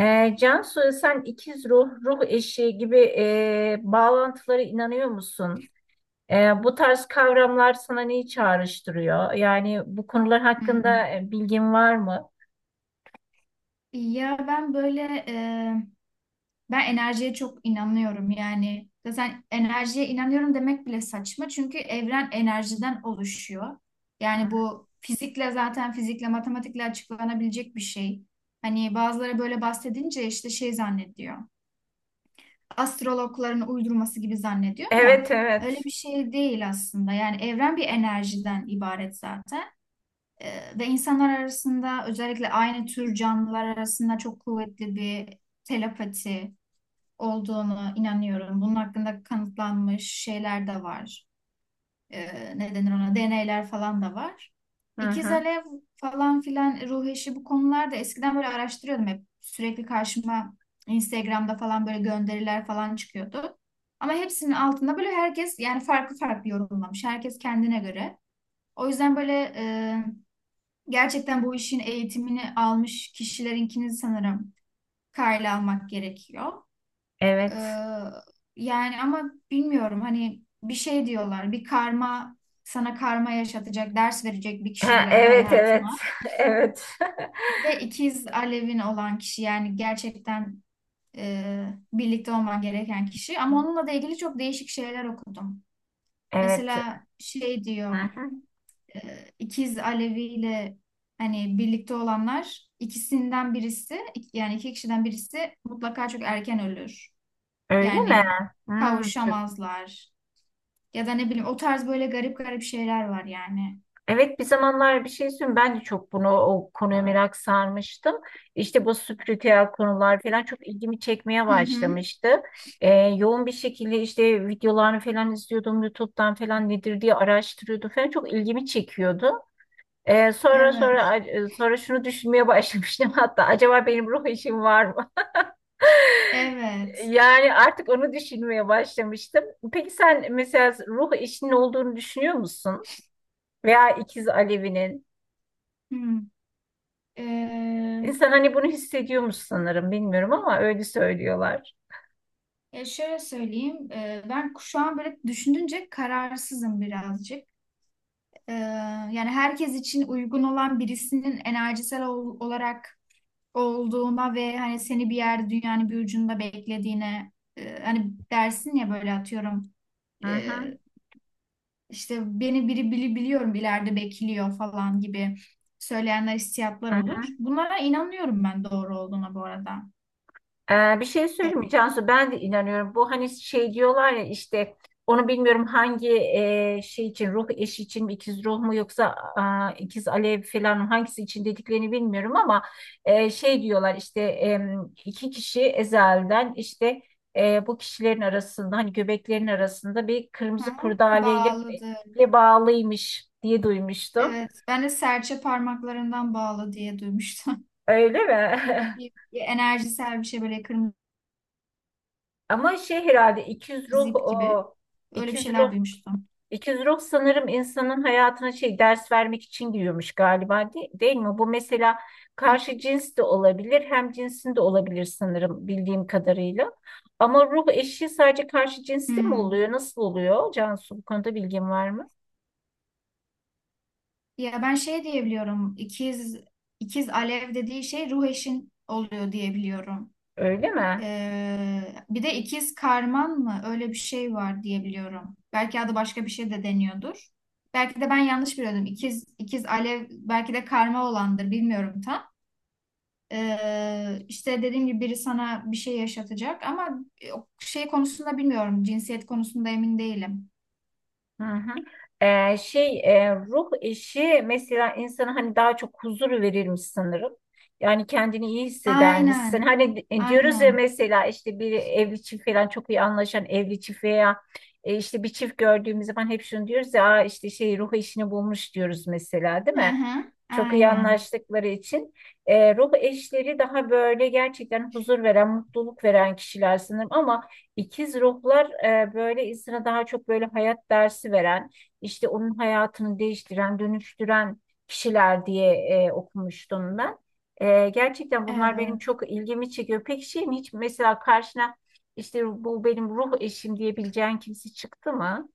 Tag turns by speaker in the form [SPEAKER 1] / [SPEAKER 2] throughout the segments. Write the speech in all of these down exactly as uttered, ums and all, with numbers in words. [SPEAKER 1] Ee, Cansu, sen ikiz ruh, ruh eşi gibi e, bağlantılara inanıyor musun? E, bu tarz kavramlar sana neyi çağrıştırıyor? Yani bu konular
[SPEAKER 2] Hmm.
[SPEAKER 1] hakkında e, bilgin var mı?
[SPEAKER 2] Ya ben böyle e, ben enerjiye çok inanıyorum yani zaten enerjiye inanıyorum demek bile saçma çünkü evren enerjiden oluşuyor. Yani
[SPEAKER 1] Hı.
[SPEAKER 2] bu fizikle zaten fizikle matematikle açıklanabilecek bir şey. Hani bazıları böyle bahsedince işte şey zannediyor. Astrologların uydurması gibi zannediyor da
[SPEAKER 1] Evet,
[SPEAKER 2] öyle
[SPEAKER 1] evet.
[SPEAKER 2] bir şey değil aslında. Yani evren bir enerjiden ibaret zaten. Ee, ve insanlar arasında özellikle aynı tür canlılar arasında çok kuvvetli bir telepati olduğunu inanıyorum. Bunun hakkında kanıtlanmış şeyler de var. Ee, ne denir ona? Deneyler falan da var.
[SPEAKER 1] Hı
[SPEAKER 2] İkiz
[SPEAKER 1] hı.
[SPEAKER 2] alev falan filan ruh eşi bu konularda eskiden böyle araştırıyordum hep. Sürekli karşıma Instagram'da falan böyle gönderiler falan çıkıyordu. Ama hepsinin altında böyle herkes yani farklı farklı yorumlamış. Herkes kendine göre. O yüzden böyle gerçekten bu işin eğitimini almış kişilerinkini sanırım karla almak gerekiyor. Ee,
[SPEAKER 1] Evet.
[SPEAKER 2] Yani ama bilmiyorum hani bir şey diyorlar bir karma sana karma yaşatacak ders verecek bir kişi
[SPEAKER 1] Ha,
[SPEAKER 2] girer
[SPEAKER 1] evet, evet.
[SPEAKER 2] hayatına.
[SPEAKER 1] Evet.
[SPEAKER 2] Bir de ikiz alevin olan kişi yani gerçekten e, birlikte olman gereken kişi ama onunla da ilgili çok değişik şeyler okudum.
[SPEAKER 1] Evet.
[SPEAKER 2] Mesela şey
[SPEAKER 1] Hı
[SPEAKER 2] diyor
[SPEAKER 1] hı.
[SPEAKER 2] e, ikiz Alevi ile hani birlikte olanlar ikisinden birisi ik- yani iki kişiden birisi mutlaka çok erken ölür.
[SPEAKER 1] Öyle mi?
[SPEAKER 2] Yani
[SPEAKER 1] Hı, çok
[SPEAKER 2] kavuşamazlar ya da ne bileyim o tarz böyle garip garip şeyler var yani.
[SPEAKER 1] evet, bir zamanlar bir şey söyleyeyim, ben de çok bunu o konuya merak sarmıştım. İşte bu spiritüel konular falan çok ilgimi çekmeye
[SPEAKER 2] Hı hı.
[SPEAKER 1] başlamıştı. Ee, yoğun bir şekilde işte videolarını falan izliyordum YouTube'dan falan nedir diye araştırıyordum falan çok ilgimi çekiyordu. Ee, sonra
[SPEAKER 2] Evet.
[SPEAKER 1] sonra sonra şunu düşünmeye başlamıştım, hatta acaba benim ruh eşim var mı?
[SPEAKER 2] Evet.
[SPEAKER 1] Yani artık onu düşünmeye başlamıştım. Peki sen mesela ruh eşinin olduğunu düşünüyor musun? Veya ikiz Alevi'nin?
[SPEAKER 2] Hı. Ee,
[SPEAKER 1] İnsan hani bunu hissediyormuş sanırım, bilmiyorum ama öyle söylüyorlar.
[SPEAKER 2] ya şöyle söyleyeyim. Ee, ben şu an böyle düşündünce kararsızım birazcık. Ee, Yani herkes için uygun olan birisinin enerjisel ol- olarak olduğuna ve hani seni bir yer dünyanın bir ucunda beklediğine e, hani dersin ya böyle atıyorum
[SPEAKER 1] Hı hı,
[SPEAKER 2] e, işte beni biri bili biliyorum ileride bekliyor falan gibi söyleyenler hissiyatlar
[SPEAKER 1] hı hı.
[SPEAKER 2] olur. Bunlara inanıyorum ben doğru olduğuna bu arada.
[SPEAKER 1] Ee, bir şey
[SPEAKER 2] Evet.
[SPEAKER 1] söyleyeyim mi Cansu? Ben de inanıyorum. Bu hani şey diyorlar ya, işte onu bilmiyorum, hangi e, şey için, ruh eşi için mi, ikiz ruh mu, yoksa a, ikiz alev falan mı, hangisi için dediklerini bilmiyorum ama e, şey diyorlar işte, em, iki kişi ezelden işte e, bu kişilerin arasında hani göbeklerin arasında bir
[SPEAKER 2] Hı
[SPEAKER 1] kırmızı
[SPEAKER 2] hı.
[SPEAKER 1] kurdaleyle
[SPEAKER 2] Bağladı.
[SPEAKER 1] ile bağlıymış diye duymuştum.
[SPEAKER 2] Evet. Ben de serçe parmaklarından bağlı diye duymuştum.
[SPEAKER 1] Öyle mi?
[SPEAKER 2] Bir- bir enerjisel bir şey böyle kırmızı
[SPEAKER 1] Ama şey herhalde ikiz ruh
[SPEAKER 2] zip
[SPEAKER 1] o.
[SPEAKER 2] gibi. Öyle bir şeyler duymuştum.
[SPEAKER 1] İkizruh sanırım insanın hayatına şey ders vermek için giriyormuş galiba, de- değil mi? Bu mesela karşı cins de olabilir, hem cinsin de olabilir sanırım bildiğim kadarıyla. Ama ruh eşi sadece karşı cinste mi
[SPEAKER 2] Hmm.
[SPEAKER 1] oluyor? Nasıl oluyor? Cansu, bu konuda bilgin var mı?
[SPEAKER 2] Ya ben şey diyebiliyorum. İkiz ikiz alev dediği şey ruh eşin oluyor diyebiliyorum.
[SPEAKER 1] Öyle mi?
[SPEAKER 2] Ee, bir de ikiz karman mı? Öyle bir şey var diyebiliyorum. Belki adı başka bir şey de deniyordur. Belki de ben yanlış biliyordum. İkiz ikiz alev belki de karma olandır. Bilmiyorum tam. Ee, işte dediğim gibi biri sana bir şey yaşatacak ama e, o şey konusunda bilmiyorum. Cinsiyet konusunda emin değilim.
[SPEAKER 1] Hı hı. Ee, şey e, ruh eşi mesela insana hani daha çok huzur verirmiş sanırım. Yani kendini iyi hissedermişsin.
[SPEAKER 2] Aynen.
[SPEAKER 1] Hani di- e, diyoruz ya
[SPEAKER 2] Aynen.
[SPEAKER 1] mesela işte bir evli çift falan, çok iyi anlaşan evli çift veya e, işte bir çift gördüğümüz zaman hep şunu diyoruz ya, "Aa, işte şey ruh eşini bulmuş" diyoruz mesela, değil
[SPEAKER 2] Hı
[SPEAKER 1] mi?
[SPEAKER 2] hı.
[SPEAKER 1] Çok iyi
[SPEAKER 2] Aynen.
[SPEAKER 1] anlaştıkları için e, ruh eşleri daha böyle gerçekten huzur veren, mutluluk veren kişiler sanırım, ama ikiz ruhlar e, böyle insana daha çok böyle hayat dersi veren, işte onun hayatını değiştiren, dönüştüren kişiler diye e, okumuştum ben. E, gerçekten bunlar benim
[SPEAKER 2] Evet.
[SPEAKER 1] çok ilgimi çekiyor. Peki şeyin hiç mesela karşına işte bu benim ruh eşim diyebileceğin kimse çıktı mı?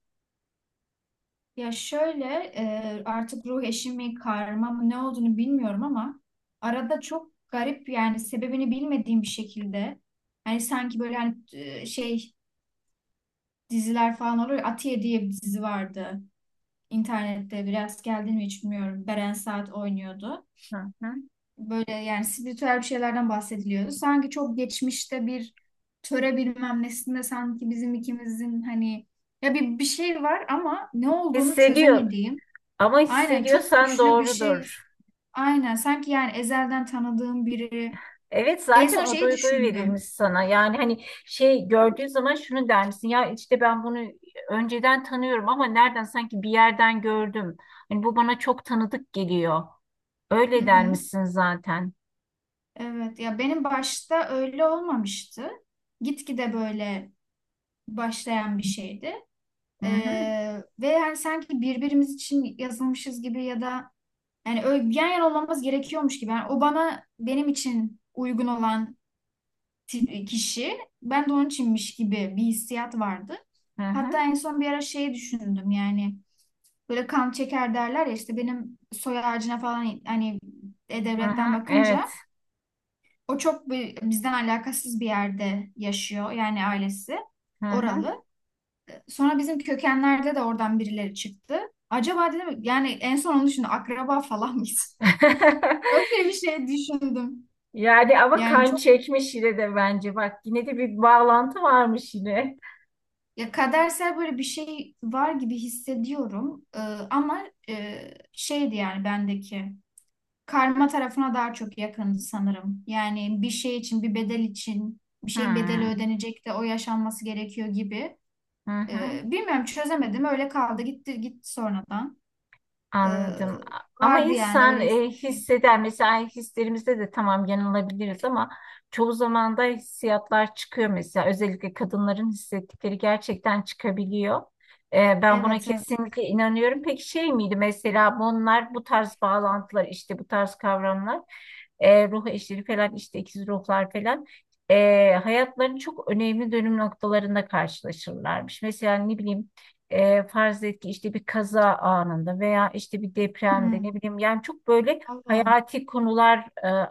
[SPEAKER 2] Ya şöyle e, artık ruh eşi mi karma mı ne olduğunu bilmiyorum ama arada çok garip yani sebebini bilmediğim bir şekilde hani sanki böyle hani e, şey diziler falan oluyor. Ya, Atiye diye bir dizi vardı internette biraz geldi mi hiç bilmiyorum. Beren Saat oynuyordu.
[SPEAKER 1] Hı hı.
[SPEAKER 2] Böyle yani spiritüel bir şeylerden bahsediliyordu. Sanki çok geçmişte bir töre bilmem nesinde sanki bizim ikimizin hani ya bir, bir şey var ama ne olduğunu
[SPEAKER 1] Hissediyor
[SPEAKER 2] çözemediğim.
[SPEAKER 1] ama,
[SPEAKER 2] Aynen çok
[SPEAKER 1] hissediyorsan
[SPEAKER 2] güçlü bir şey.
[SPEAKER 1] doğrudur.
[SPEAKER 2] Aynen sanki yani ezelden tanıdığım biri.
[SPEAKER 1] Evet,
[SPEAKER 2] En
[SPEAKER 1] zaten
[SPEAKER 2] son
[SPEAKER 1] o
[SPEAKER 2] şeyi
[SPEAKER 1] duyguyu verilmiş
[SPEAKER 2] düşündüm.
[SPEAKER 1] sana. Yani hani şey gördüğün zaman şunu der misin? Ya işte ben bunu önceden tanıyorum ama nereden, sanki bir yerden gördüm. Hani bu bana çok tanıdık geliyor.
[SPEAKER 2] Hı
[SPEAKER 1] Öyle der
[SPEAKER 2] hı.
[SPEAKER 1] misin zaten?
[SPEAKER 2] Evet ya benim başta öyle olmamıştı. Gitgide böyle başlayan bir şeydi.
[SPEAKER 1] Hı
[SPEAKER 2] Ee,
[SPEAKER 1] hı,
[SPEAKER 2] ve yani sanki birbirimiz için yazılmışız gibi ya da yani öyle yan yana olmamız gerekiyormuş gibi. Yani o bana benim için uygun olan ti- kişi ben de onun içinmiş gibi bir hissiyat vardı.
[SPEAKER 1] hı
[SPEAKER 2] Hatta
[SPEAKER 1] hı,
[SPEAKER 2] en son bir ara şey düşündüm yani böyle kan çeker derler ya işte benim soy ağacına falan hani
[SPEAKER 1] hı
[SPEAKER 2] e-devletten
[SPEAKER 1] hı, evet.
[SPEAKER 2] bakınca o çok bir, bizden alakasız bir yerde yaşıyor yani ailesi
[SPEAKER 1] Hı hı.
[SPEAKER 2] oralı. Sonra bizim kökenlerde de oradan birileri çıktı. Acaba dedim yani en son onu düşündüm akraba falan mıyız? Öyle bir şey düşündüm.
[SPEAKER 1] Yani ama
[SPEAKER 2] Yani
[SPEAKER 1] kan
[SPEAKER 2] çok
[SPEAKER 1] çekmiş yine de bence. Bak, yine de bir bağlantı varmış yine.
[SPEAKER 2] ya kadersel böyle bir şey var gibi hissediyorum. Ee, ama e, şeydi yani bendeki karma tarafına daha çok yakındı sanırım. Yani bir şey için, bir bedel için, bir şeyin bedeli
[SPEAKER 1] Hı
[SPEAKER 2] ödenecek de o yaşanması gerekiyor gibi.
[SPEAKER 1] hı, hı.
[SPEAKER 2] Ee, bilmiyorum çözemedim. Öyle kaldı. Gitti gitti sonradan. Ee,
[SPEAKER 1] Anladım. Ama
[SPEAKER 2] Vardı yani
[SPEAKER 1] insan
[SPEAKER 2] öyle
[SPEAKER 1] e,
[SPEAKER 2] hissettiğim.
[SPEAKER 1] hisseder. Mesela hislerimizde de tamam yanılabiliriz ama çoğu zaman da hissiyatlar çıkıyor mesela. Özellikle kadınların hissettikleri gerçekten çıkabiliyor. E, ben buna
[SPEAKER 2] Evet evet.
[SPEAKER 1] kesinlikle inanıyorum. Peki şey miydi mesela, bunlar bu tarz bağlantılar işte, bu tarz kavramlar e, ruh eşleri falan, işte ikiz ruhlar falan e, hayatların çok önemli dönüm noktalarında karşılaşırlarmış. Mesela ne bileyim, e, farz et ki işte bir kaza anında veya işte bir depremde,
[SPEAKER 2] Hmm.
[SPEAKER 1] ne bileyim, yani çok böyle
[SPEAKER 2] Allah. Allah.
[SPEAKER 1] hayati konular e,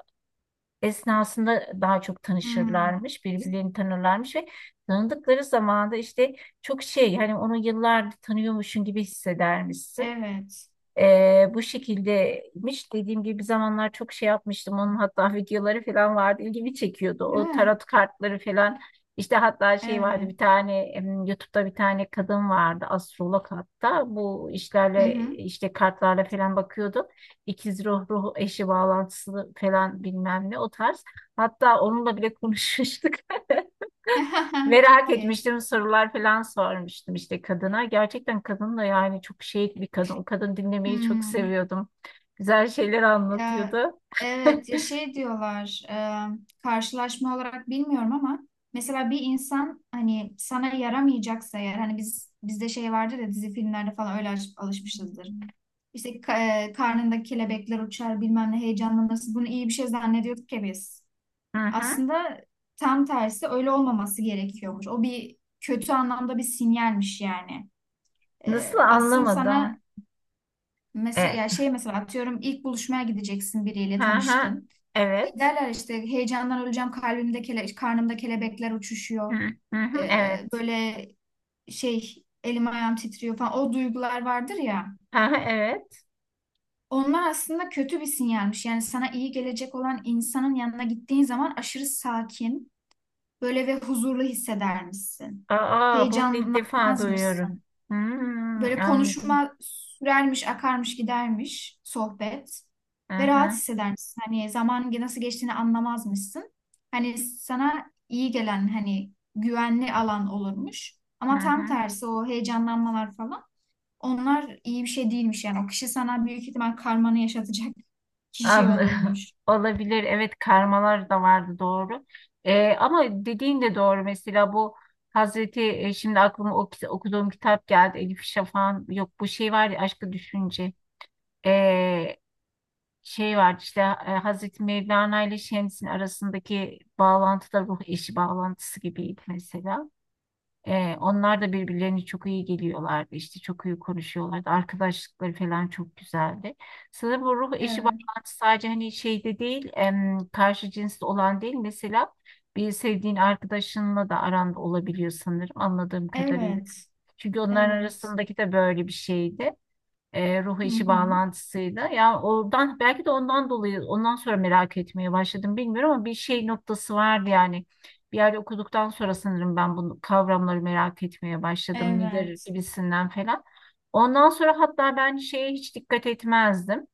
[SPEAKER 1] esnasında daha çok
[SPEAKER 2] Hmm.
[SPEAKER 1] tanışırlarmış, birbirlerini tanırlarmış ve tanıdıkları zaman da işte çok şey, hani onu yıllardır tanıyormuşsun gibi hissedermişsin.
[SPEAKER 2] Evet.
[SPEAKER 1] Ee, bu şekildeymiş. Dediğim gibi bir zamanlar çok şey yapmıştım. Onun hatta videoları falan vardı. İlgimi çekiyordu.
[SPEAKER 2] Değil
[SPEAKER 1] O
[SPEAKER 2] mi?
[SPEAKER 1] tarot kartları falan. İşte hatta şey vardı,
[SPEAKER 2] Evet.
[SPEAKER 1] bir tane em, YouTube'da bir tane kadın vardı. Astrolog hatta. Bu
[SPEAKER 2] Hı hı.
[SPEAKER 1] işlerle işte kartlarla falan bakıyordu. İkiz ruh, ruh eşi bağlantısı falan, bilmem ne, o tarz. Hatta onunla bile konuşmuştuk.
[SPEAKER 2] Çok
[SPEAKER 1] Merak
[SPEAKER 2] iyi.
[SPEAKER 1] etmiştim, sorular falan sormuştum işte kadına. Gerçekten kadın da yani çok şey bir kadın. O kadın, dinlemeyi çok
[SPEAKER 2] Hmm.
[SPEAKER 1] seviyordum. Güzel şeyler
[SPEAKER 2] Ya,
[SPEAKER 1] anlatıyordu.
[SPEAKER 2] evet ya şey diyorlar e, karşılaşma olarak bilmiyorum ama mesela bir insan hani sana yaramayacaksa eğer hani biz bizde şey vardır ya dizi filmlerde falan öyle alış- alışmışızdır. İşte ka- e, karnında kelebekler uçar bilmem ne heyecanlanırsın bunu iyi bir şey zannediyorduk ya biz.
[SPEAKER 1] Hı hı.
[SPEAKER 2] Aslında tam tersi öyle olmaması gerekiyormuş. O bir kötü anlamda bir sinyalmiş yani.
[SPEAKER 1] Nasıl,
[SPEAKER 2] E, asıl sana
[SPEAKER 1] anlamadım.
[SPEAKER 2] mesela
[SPEAKER 1] E,
[SPEAKER 2] ya şey mesela atıyorum ilk buluşmaya gideceksin biriyle
[SPEAKER 1] hı hı.
[SPEAKER 2] tanıştın.
[SPEAKER 1] Evet.
[SPEAKER 2] Giderler işte heyecandan öleceğim kalbimde kele, karnımda kelebekler
[SPEAKER 1] Hı
[SPEAKER 2] uçuşuyor.
[SPEAKER 1] hı, hı,
[SPEAKER 2] Ee,
[SPEAKER 1] evet.
[SPEAKER 2] böyle şey elim ayağım titriyor falan o duygular vardır ya.
[SPEAKER 1] Hı hı. Evet.
[SPEAKER 2] Onlar aslında kötü bir sinyalmiş. Yani sana iyi gelecek olan insanın yanına gittiğin zaman aşırı sakin, böyle ve huzurlu hissedermişsin.
[SPEAKER 1] Aa, bunu ilk defa duyuyorum.
[SPEAKER 2] Heyecanlanmazmışsın.
[SPEAKER 1] Hmm,
[SPEAKER 2] Böyle
[SPEAKER 1] anladım.
[SPEAKER 2] konuşma sürermiş, akarmış, gidermiş sohbet
[SPEAKER 1] Hı
[SPEAKER 2] ve rahat
[SPEAKER 1] hı,
[SPEAKER 2] hissedermişsin. Hani zaman ge- nasıl geçtiğini anlamazmışsın. Hani sana iyi gelen hani güvenli alan olurmuş.
[SPEAKER 1] hı
[SPEAKER 2] Ama tam
[SPEAKER 1] hı.
[SPEAKER 2] tersi o heyecanlanmalar falan onlar iyi bir şey değilmiş yani. O kişi sana büyük ihtimal karmanı yaşatacak kişi
[SPEAKER 1] Anladım.
[SPEAKER 2] olurmuş.
[SPEAKER 1] Olabilir. Evet, karmalar da vardı, doğru. Ee, ama dediğin de doğru. Mesela bu Hazreti e, şimdi aklıma o, kit- okuduğum kitap geldi. Elif Şafak'ın, yok bu şey var ya, Aşkı Düşünce. Ee, Şey var işte e, Hazreti Mevlana ile Şems'in arasındaki bağlantı da ruh eşi bağlantısı gibiydi mesela. Ee, onlar da birbirlerini çok iyi geliyorlardı. İşte çok iyi konuşuyorlardı. Arkadaşlıkları falan çok güzeldi. Sanırım bu ruh eşi
[SPEAKER 2] Evet.
[SPEAKER 1] bağlantısı sadece hani şeyde değil, em, karşı cinsli olan değil. Mesela bir sevdiğin arkadaşınla da aranda olabiliyor sanırım, anladığım kadarıyla.
[SPEAKER 2] Evet.
[SPEAKER 1] Çünkü onların
[SPEAKER 2] Evet.
[SPEAKER 1] arasındaki de böyle bir şeydi, e, ruh
[SPEAKER 2] Hı
[SPEAKER 1] işi
[SPEAKER 2] hı.
[SPEAKER 1] bağlantısıyla. Ya oradan belki de, ondan dolayı ondan sonra merak etmeye başladım bilmiyorum, ama bir şey noktası vardı yani. Bir yerde okuduktan sonra sanırım ben bu kavramları merak etmeye başladım. Lider
[SPEAKER 2] Evet.
[SPEAKER 1] gibisinden falan. Ondan sonra hatta ben şeye hiç dikkat etmezdim,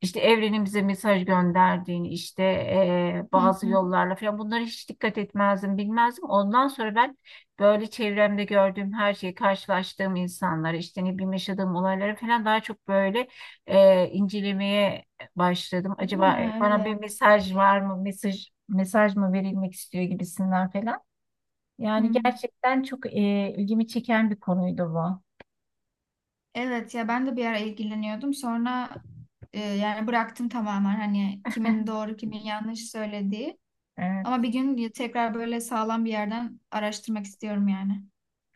[SPEAKER 1] işte evrenin bize mesaj gönderdiğini, işte eee,
[SPEAKER 2] Hı
[SPEAKER 1] bazı
[SPEAKER 2] hı.
[SPEAKER 1] yollarla falan, bunlara hiç dikkat etmezdim, bilmezdim. Ondan sonra ben böyle çevremde gördüğüm her şeyi, karşılaştığım insanları, işte ne bileyim yaşadığım olayları falan daha çok böyle eee, incelemeye başladım.
[SPEAKER 2] Değil
[SPEAKER 1] Acaba
[SPEAKER 2] mi?
[SPEAKER 1] e, bana bir
[SPEAKER 2] Evet.
[SPEAKER 1] mesaj var mı, mesaj mesaj mı verilmek istiyor gibisinden falan.
[SPEAKER 2] Hı
[SPEAKER 1] Yani
[SPEAKER 2] hı.
[SPEAKER 1] gerçekten çok eee, ilgimi çeken bir konuydu bu.
[SPEAKER 2] Evet ya ben de bir ara ilgileniyordum. Sonra e, yani bıraktım tamamen hani kimin doğru kimin yanlış söylediği. Ama
[SPEAKER 1] Evet,
[SPEAKER 2] bir gün tekrar böyle sağlam bir yerden araştırmak istiyorum yani.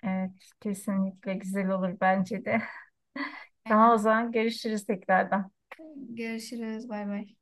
[SPEAKER 1] evet, kesinlikle güzel olur bence de. Tamam, o
[SPEAKER 2] Aynen.
[SPEAKER 1] zaman görüşürüz tekrardan.
[SPEAKER 2] Görüşürüz. Bay bay.